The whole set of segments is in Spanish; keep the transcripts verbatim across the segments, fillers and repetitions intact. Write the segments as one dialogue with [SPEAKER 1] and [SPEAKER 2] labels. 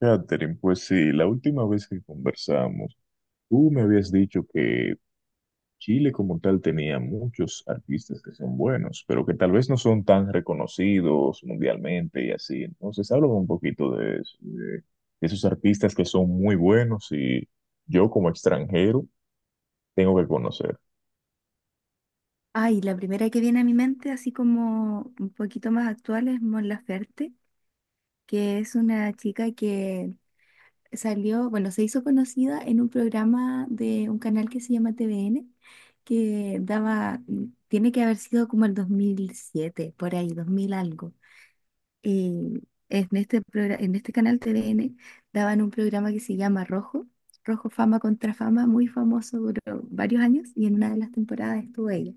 [SPEAKER 1] Catherine, pues sí, la última vez que conversamos, tú me habías dicho que Chile como tal tenía muchos artistas que son buenos, pero que tal vez no son tan reconocidos mundialmente y así. Entonces, háblame un poquito de eso, de esos artistas que son muy buenos y yo como extranjero tengo que conocer.
[SPEAKER 2] Ay, la primera que viene a mi mente, así como un poquito más actual, es Mon Laferte, que es una chica que salió, bueno, se hizo conocida en un programa de un canal que se llama T V N, que daba, tiene que haber sido como el dos mil siete, por ahí, dos mil algo. Y en este, progra- en este canal T V N daban un programa que se llama Rojo, Rojo Fama contra Fama, muy famoso, duró varios años y en una de las temporadas estuvo ella.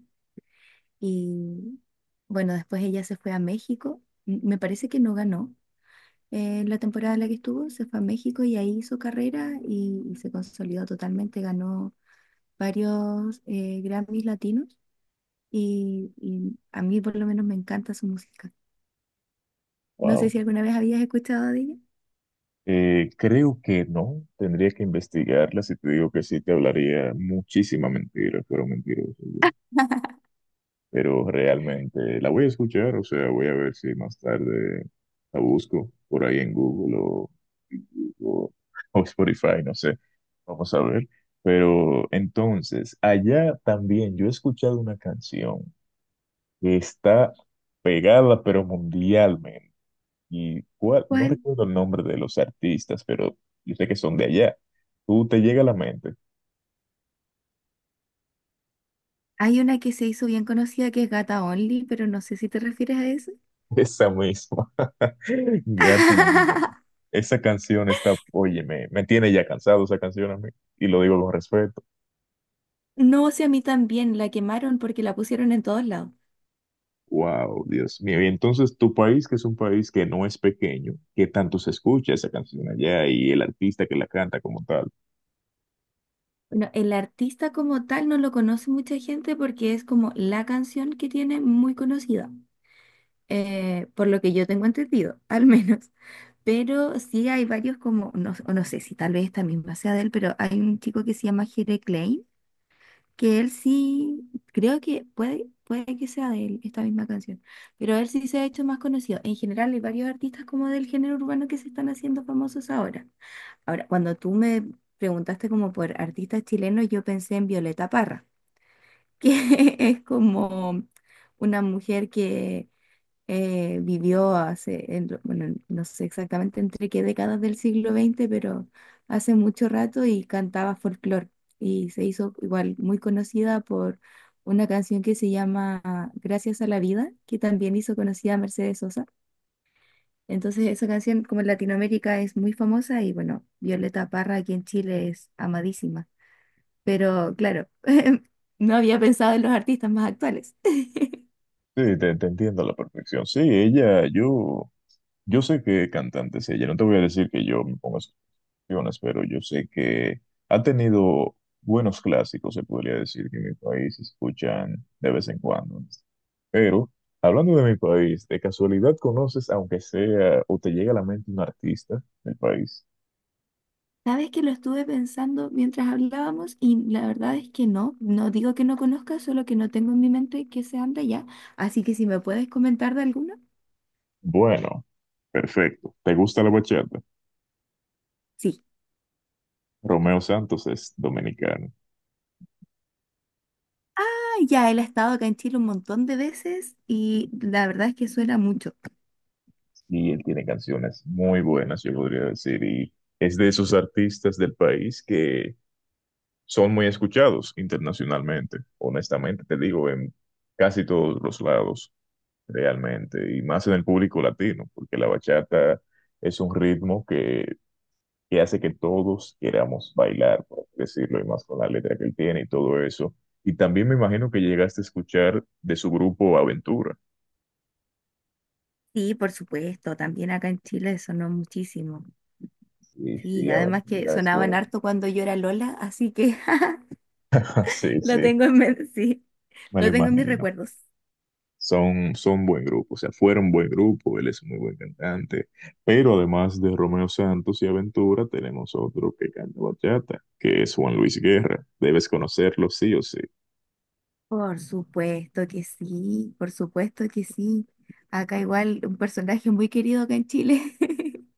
[SPEAKER 2] Y bueno, después ella se fue a México. M- Me parece que no ganó eh, la temporada en la que estuvo. Se fue a México y ahí hizo carrera y, y se consolidó totalmente. Ganó varios eh, Grammys latinos y, y a mí por lo menos me encanta su música. No sé
[SPEAKER 1] Wow.
[SPEAKER 2] si alguna vez habías escuchado de ella.
[SPEAKER 1] Eh, creo que no, tendría que investigarlas y te digo que sí te hablaría muchísima mentira, pero mentiroso. Pero realmente la voy a escuchar, o sea, voy a ver si más tarde la busco por ahí en Google o, o, o Spotify, no sé, vamos a ver. Pero entonces, allá también yo he escuchado una canción que está pegada, pero mundialmente. Y cuál, no
[SPEAKER 2] ¿Cuál?
[SPEAKER 1] recuerdo el nombre de los artistas, pero yo sé que son de allá. ¿Tú te llega a la mente?
[SPEAKER 2] Hay una que se hizo bien conocida que es Gata Only, pero no sé si te refieres a eso.
[SPEAKER 1] Esa misma. Gata. Esa canción está, oye, me, me tiene ya cansado esa canción a mí, y lo digo con respeto.
[SPEAKER 2] No, sé a mí también la quemaron porque la pusieron en todos lados.
[SPEAKER 1] Wow, Dios mío. Y entonces tu país, que es un país que no es pequeño, ¿qué tanto se escucha esa canción allá y el artista que la canta como tal?
[SPEAKER 2] Bueno, el artista como tal no lo conoce mucha gente porque es como la canción que tiene muy conocida, eh, por lo que yo tengo entendido, al menos. Pero sí hay varios como, no, o no sé si tal vez esta misma sea de él, pero hay un chico que se llama Jere Klein que él sí, creo que puede, puede que sea de él esta misma canción, pero él sí se ha hecho más conocido. En general hay varios artistas como del género urbano que se están haciendo famosos ahora. Ahora, cuando tú me preguntaste como por artistas chilenos, yo pensé en Violeta Parra, que es como una mujer que eh, vivió hace, en lo- bueno, en- no sé exactamente entre qué décadas del siglo veinte, pero hace mucho rato y cantaba folclore. Y se hizo igual muy conocida por una canción que se llama Gracias a la vida, que también hizo conocida a Mercedes Sosa. Entonces esa canción como en Latinoamérica es muy famosa y bueno, Violeta Parra aquí en Chile es amadísima. Pero claro, no había pensado en los artistas más actuales.
[SPEAKER 1] Sí, te, te entiendo a la perfección. Sí, ella, yo. Yo sé que cantante es ella, no te voy a decir que yo me pongo a sus canciones, pero yo sé que ha tenido buenos clásicos, se podría decir, que en mi país se escuchan de vez en cuando, ¿no? Pero, hablando de mi país, ¿de casualidad conoces, aunque sea, o te llega a la mente un artista del país?
[SPEAKER 2] Sabes que lo estuve pensando mientras hablábamos y la verdad es que no, no digo que no conozca, solo que no tengo en mi mente que sean de allá. Así que si me puedes comentar de alguno.
[SPEAKER 1] Bueno, perfecto. ¿Te gusta la bachata?
[SPEAKER 2] Sí.
[SPEAKER 1] Romeo Santos es dominicano
[SPEAKER 2] Ah, ya él ha estado acá en Chile un montón de veces y la verdad es que suena mucho.
[SPEAKER 1] y él tiene canciones muy buenas, yo podría decir, y es de esos artistas del país que son muy escuchados internacionalmente, honestamente, te digo, en casi todos los lados, realmente, y más en el público latino, porque la bachata es un ritmo que, que hace que todos queramos bailar, por así decirlo, y más con la letra que él tiene y todo eso. Y también me imagino que llegaste a escuchar de su grupo Aventura.
[SPEAKER 2] Sí, por supuesto, también acá en Chile sonó muchísimo.
[SPEAKER 1] Sí,
[SPEAKER 2] Sí,
[SPEAKER 1] sí,
[SPEAKER 2] además que
[SPEAKER 1] aventura es
[SPEAKER 2] sonaban
[SPEAKER 1] bueno.
[SPEAKER 2] harto cuando yo era Lola, así que
[SPEAKER 1] Sí,
[SPEAKER 2] lo
[SPEAKER 1] sí,
[SPEAKER 2] tengo en mente, sí,
[SPEAKER 1] me lo
[SPEAKER 2] lo tengo en mis
[SPEAKER 1] imagino.
[SPEAKER 2] recuerdos.
[SPEAKER 1] Son, son buen grupo, o sea, fueron buen grupo, él es muy buen cantante, pero además de Romeo Santos y Aventura, tenemos otro que canta bachata, que es Juan Luis Guerra, debes conocerlo sí o sí.
[SPEAKER 2] Por supuesto que sí, por supuesto que sí. Acá igual un personaje muy querido acá en Chile.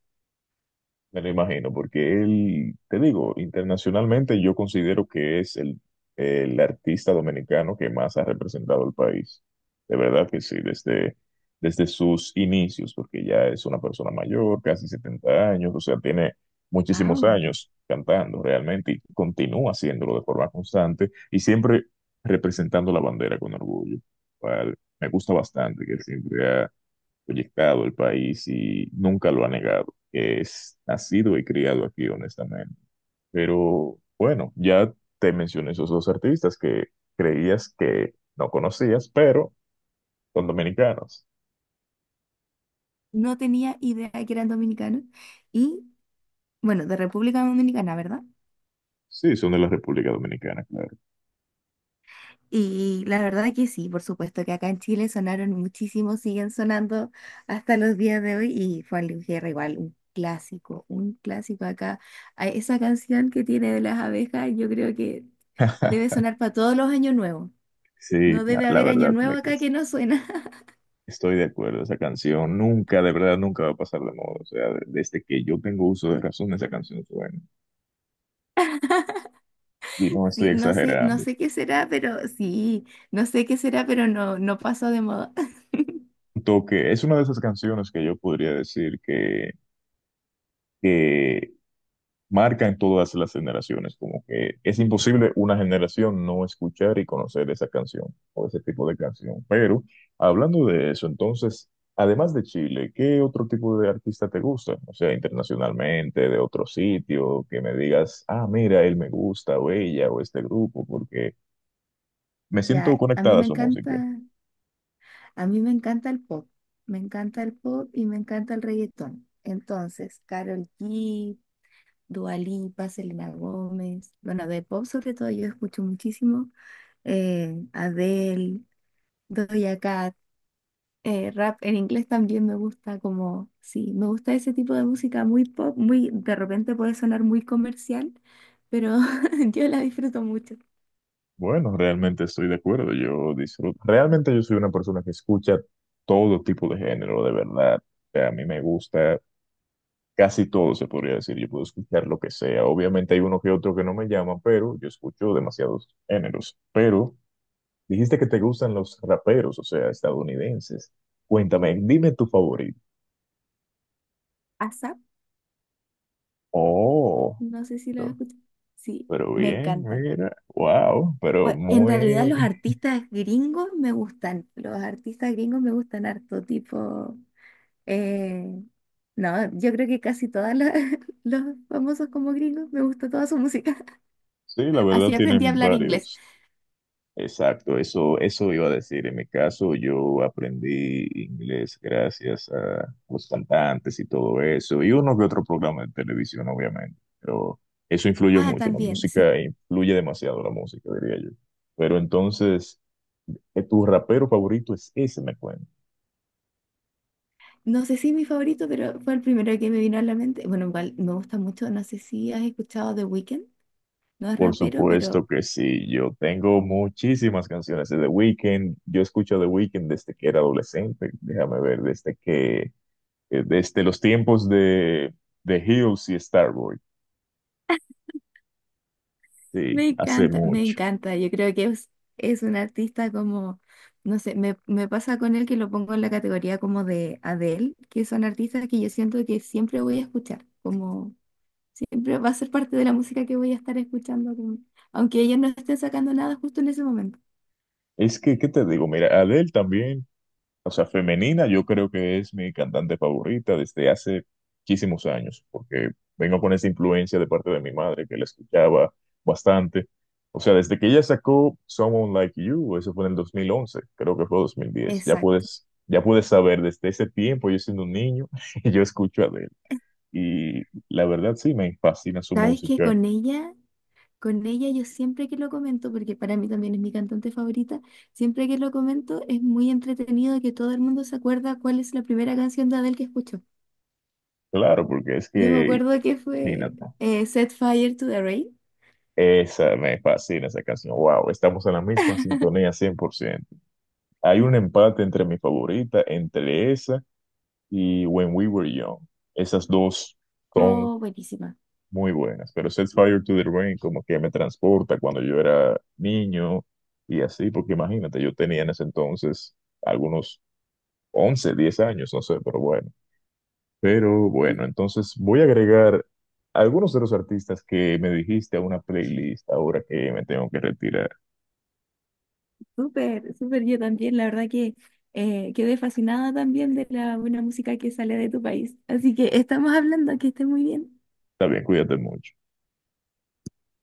[SPEAKER 1] Me lo imagino, porque él, te digo, internacionalmente yo considero que es el, el artista dominicano que más ha representado al país. De verdad que sí, desde, desde sus inicios, porque ya es una persona mayor, casi setenta años, o sea, tiene muchísimos
[SPEAKER 2] Wow.
[SPEAKER 1] años cantando realmente y continúa haciéndolo de forma constante y siempre representando la bandera con orgullo. Cual me gusta bastante que siempre ha proyectado el país y nunca lo ha negado. Es nacido y criado aquí, honestamente. Pero bueno, ya te mencioné esos dos artistas que creías que no conocías, pero son dominicanos.
[SPEAKER 2] No tenía idea que eran dominicanos. Y bueno, de República Dominicana, ¿verdad?
[SPEAKER 1] Sí, son de la República Dominicana, claro.
[SPEAKER 2] Y la verdad que sí, por supuesto que acá en Chile sonaron muchísimo, siguen sonando hasta los días de hoy. Y Juan Luis Guerra igual, un clásico, un clásico acá. A esa canción que tiene de las abejas, yo creo que debe sonar para todos los años nuevos.
[SPEAKER 1] Sí,
[SPEAKER 2] No
[SPEAKER 1] la,
[SPEAKER 2] debe
[SPEAKER 1] la
[SPEAKER 2] haber año
[SPEAKER 1] verdad, la
[SPEAKER 2] nuevo
[SPEAKER 1] que
[SPEAKER 2] acá
[SPEAKER 1] es...
[SPEAKER 2] que no suena.
[SPEAKER 1] estoy de acuerdo. Esa canción nunca, de verdad, nunca va a pasar de moda. O sea, de- desde que yo tengo uso de razón, esa canción suena. Y no estoy
[SPEAKER 2] Sí, no sé, no
[SPEAKER 1] exagerando.
[SPEAKER 2] sé qué será, pero sí, no sé qué será, pero no, no pasó de moda.
[SPEAKER 1] Tanto que es una de esas canciones que yo podría decir que que marcan todas las generaciones, como que es imposible una generación no escuchar y conocer esa canción o ese tipo de canción. Pero hablando de eso, entonces, además de Chile, ¿qué otro tipo de artista te gusta? O sea, internacionalmente, de otro sitio, que me digas, ah, mira, él me gusta o ella o este grupo, porque me siento
[SPEAKER 2] Ya, a mí
[SPEAKER 1] conectada a
[SPEAKER 2] me
[SPEAKER 1] su música.
[SPEAKER 2] encanta, a mí me encanta el pop. Me encanta el pop y me encanta el reggaetón. Entonces, Karol G, Dua Lipa, Selena Gómez, bueno, de pop sobre todo yo escucho muchísimo. Eh, Adele, Doja Cat. Eh, rap en inglés también me gusta como, sí, me gusta ese tipo de música muy pop, muy, de repente puede sonar muy comercial, pero yo la disfruto mucho.
[SPEAKER 1] Bueno, realmente estoy de acuerdo, yo disfruto. Realmente yo soy una persona que escucha todo tipo de género, de verdad. O sea, a mí me gusta casi todo, se podría decir. Yo puedo escuchar lo que sea. Obviamente hay uno que otro que no me llama, pero yo escucho demasiados géneros. Pero dijiste que te gustan los raperos, o sea, estadounidenses. Cuéntame, dime tu favorito.
[SPEAKER 2] ASAP,
[SPEAKER 1] Oh,
[SPEAKER 2] no sé si lo has
[SPEAKER 1] pero
[SPEAKER 2] escuchado. Sí,
[SPEAKER 1] pero
[SPEAKER 2] me
[SPEAKER 1] bien,
[SPEAKER 2] encanta.
[SPEAKER 1] mira, wow, pero
[SPEAKER 2] Bueno, en
[SPEAKER 1] muy...
[SPEAKER 2] realidad los artistas gringos me gustan, los artistas gringos me gustan harto, tipo, eh, no, yo creo que casi todos los famosos como gringos me gusta toda su música.
[SPEAKER 1] Sí, la
[SPEAKER 2] Así
[SPEAKER 1] verdad
[SPEAKER 2] aprendí a
[SPEAKER 1] tienen
[SPEAKER 2] hablar inglés.
[SPEAKER 1] varios. Exacto, eso, eso iba a decir. En mi caso, yo aprendí inglés gracias a los cantantes y todo eso, y uno que otro programa de televisión, obviamente. Pero eso influye
[SPEAKER 2] Ah,
[SPEAKER 1] mucho, la
[SPEAKER 2] también, sí.
[SPEAKER 1] música influye demasiado, la música, diría yo. Pero entonces, ¿eh, ¿tu rapero favorito es ese, me cuento?
[SPEAKER 2] No sé si es mi favorito, pero fue el primero que me vino a la mente. Bueno, igual me gusta mucho, no sé si has escuchado The Weeknd, no es
[SPEAKER 1] Por
[SPEAKER 2] rapero, pero
[SPEAKER 1] supuesto que sí, yo tengo muchísimas canciones de The Weeknd. Yo escucho a The Weeknd desde que era adolescente, déjame ver, desde que eh, desde los tiempos de, de Hills y Starboy. Sí,
[SPEAKER 2] me
[SPEAKER 1] hace
[SPEAKER 2] encanta, me
[SPEAKER 1] mucho.
[SPEAKER 2] encanta. Yo creo que es, es un artista como, no sé, me, me pasa con él que lo pongo en la categoría como de Adele, que son artistas que yo siento que siempre voy a escuchar, como siempre va a ser parte de la música que voy a estar escuchando, como- aunque ellos no estén sacando nada justo en ese momento.
[SPEAKER 1] Es que, ¿qué te digo? Mira, Adele también, o sea, femenina, yo creo que es mi cantante favorita desde hace muchísimos años, porque vengo con esa influencia de parte de mi madre, que la escuchaba bastante. O sea, desde que ella sacó Someone Like You, eso fue en el dos mil once, creo que fue dos mil diez. Ya
[SPEAKER 2] Exacto.
[SPEAKER 1] puedes, ya puedes saber, desde ese tiempo, yo siendo un niño, yo escucho a Adele. Y la verdad sí, me fascina su
[SPEAKER 2] ¿Sabes que
[SPEAKER 1] música.
[SPEAKER 2] con ella? Con ella yo siempre que lo comento, porque para mí también es mi cantante favorita, siempre que lo comento es muy entretenido que todo el mundo se acuerda cuál es la primera canción de Adele que escuchó.
[SPEAKER 1] Claro, porque es
[SPEAKER 2] Yo me
[SPEAKER 1] que,
[SPEAKER 2] acuerdo que fue
[SPEAKER 1] imagínate,
[SPEAKER 2] eh, Set Fire to the Rain.
[SPEAKER 1] esa me fascina esa canción. Wow, estamos en la misma sintonía cien por ciento. Hay un empate entre mi favorita, entre esa y When We Were Young. Esas dos son
[SPEAKER 2] Oh, buenísima.
[SPEAKER 1] muy buenas, pero Set Fire to the Rain como que me transporta cuando yo era niño y así, porque imagínate, yo tenía en ese entonces algunos once, diez años, no sé, pero bueno. Pero bueno, entonces voy a agregar algunos de los artistas que me dijiste a una playlist ahora que me tengo que retirar.
[SPEAKER 2] Súper, súper yo también. La verdad que eh, quedé fascinada también de la buena música que sale de tu país. Así que estamos hablando, que estés muy bien.
[SPEAKER 1] Está bien, cuídate mucho.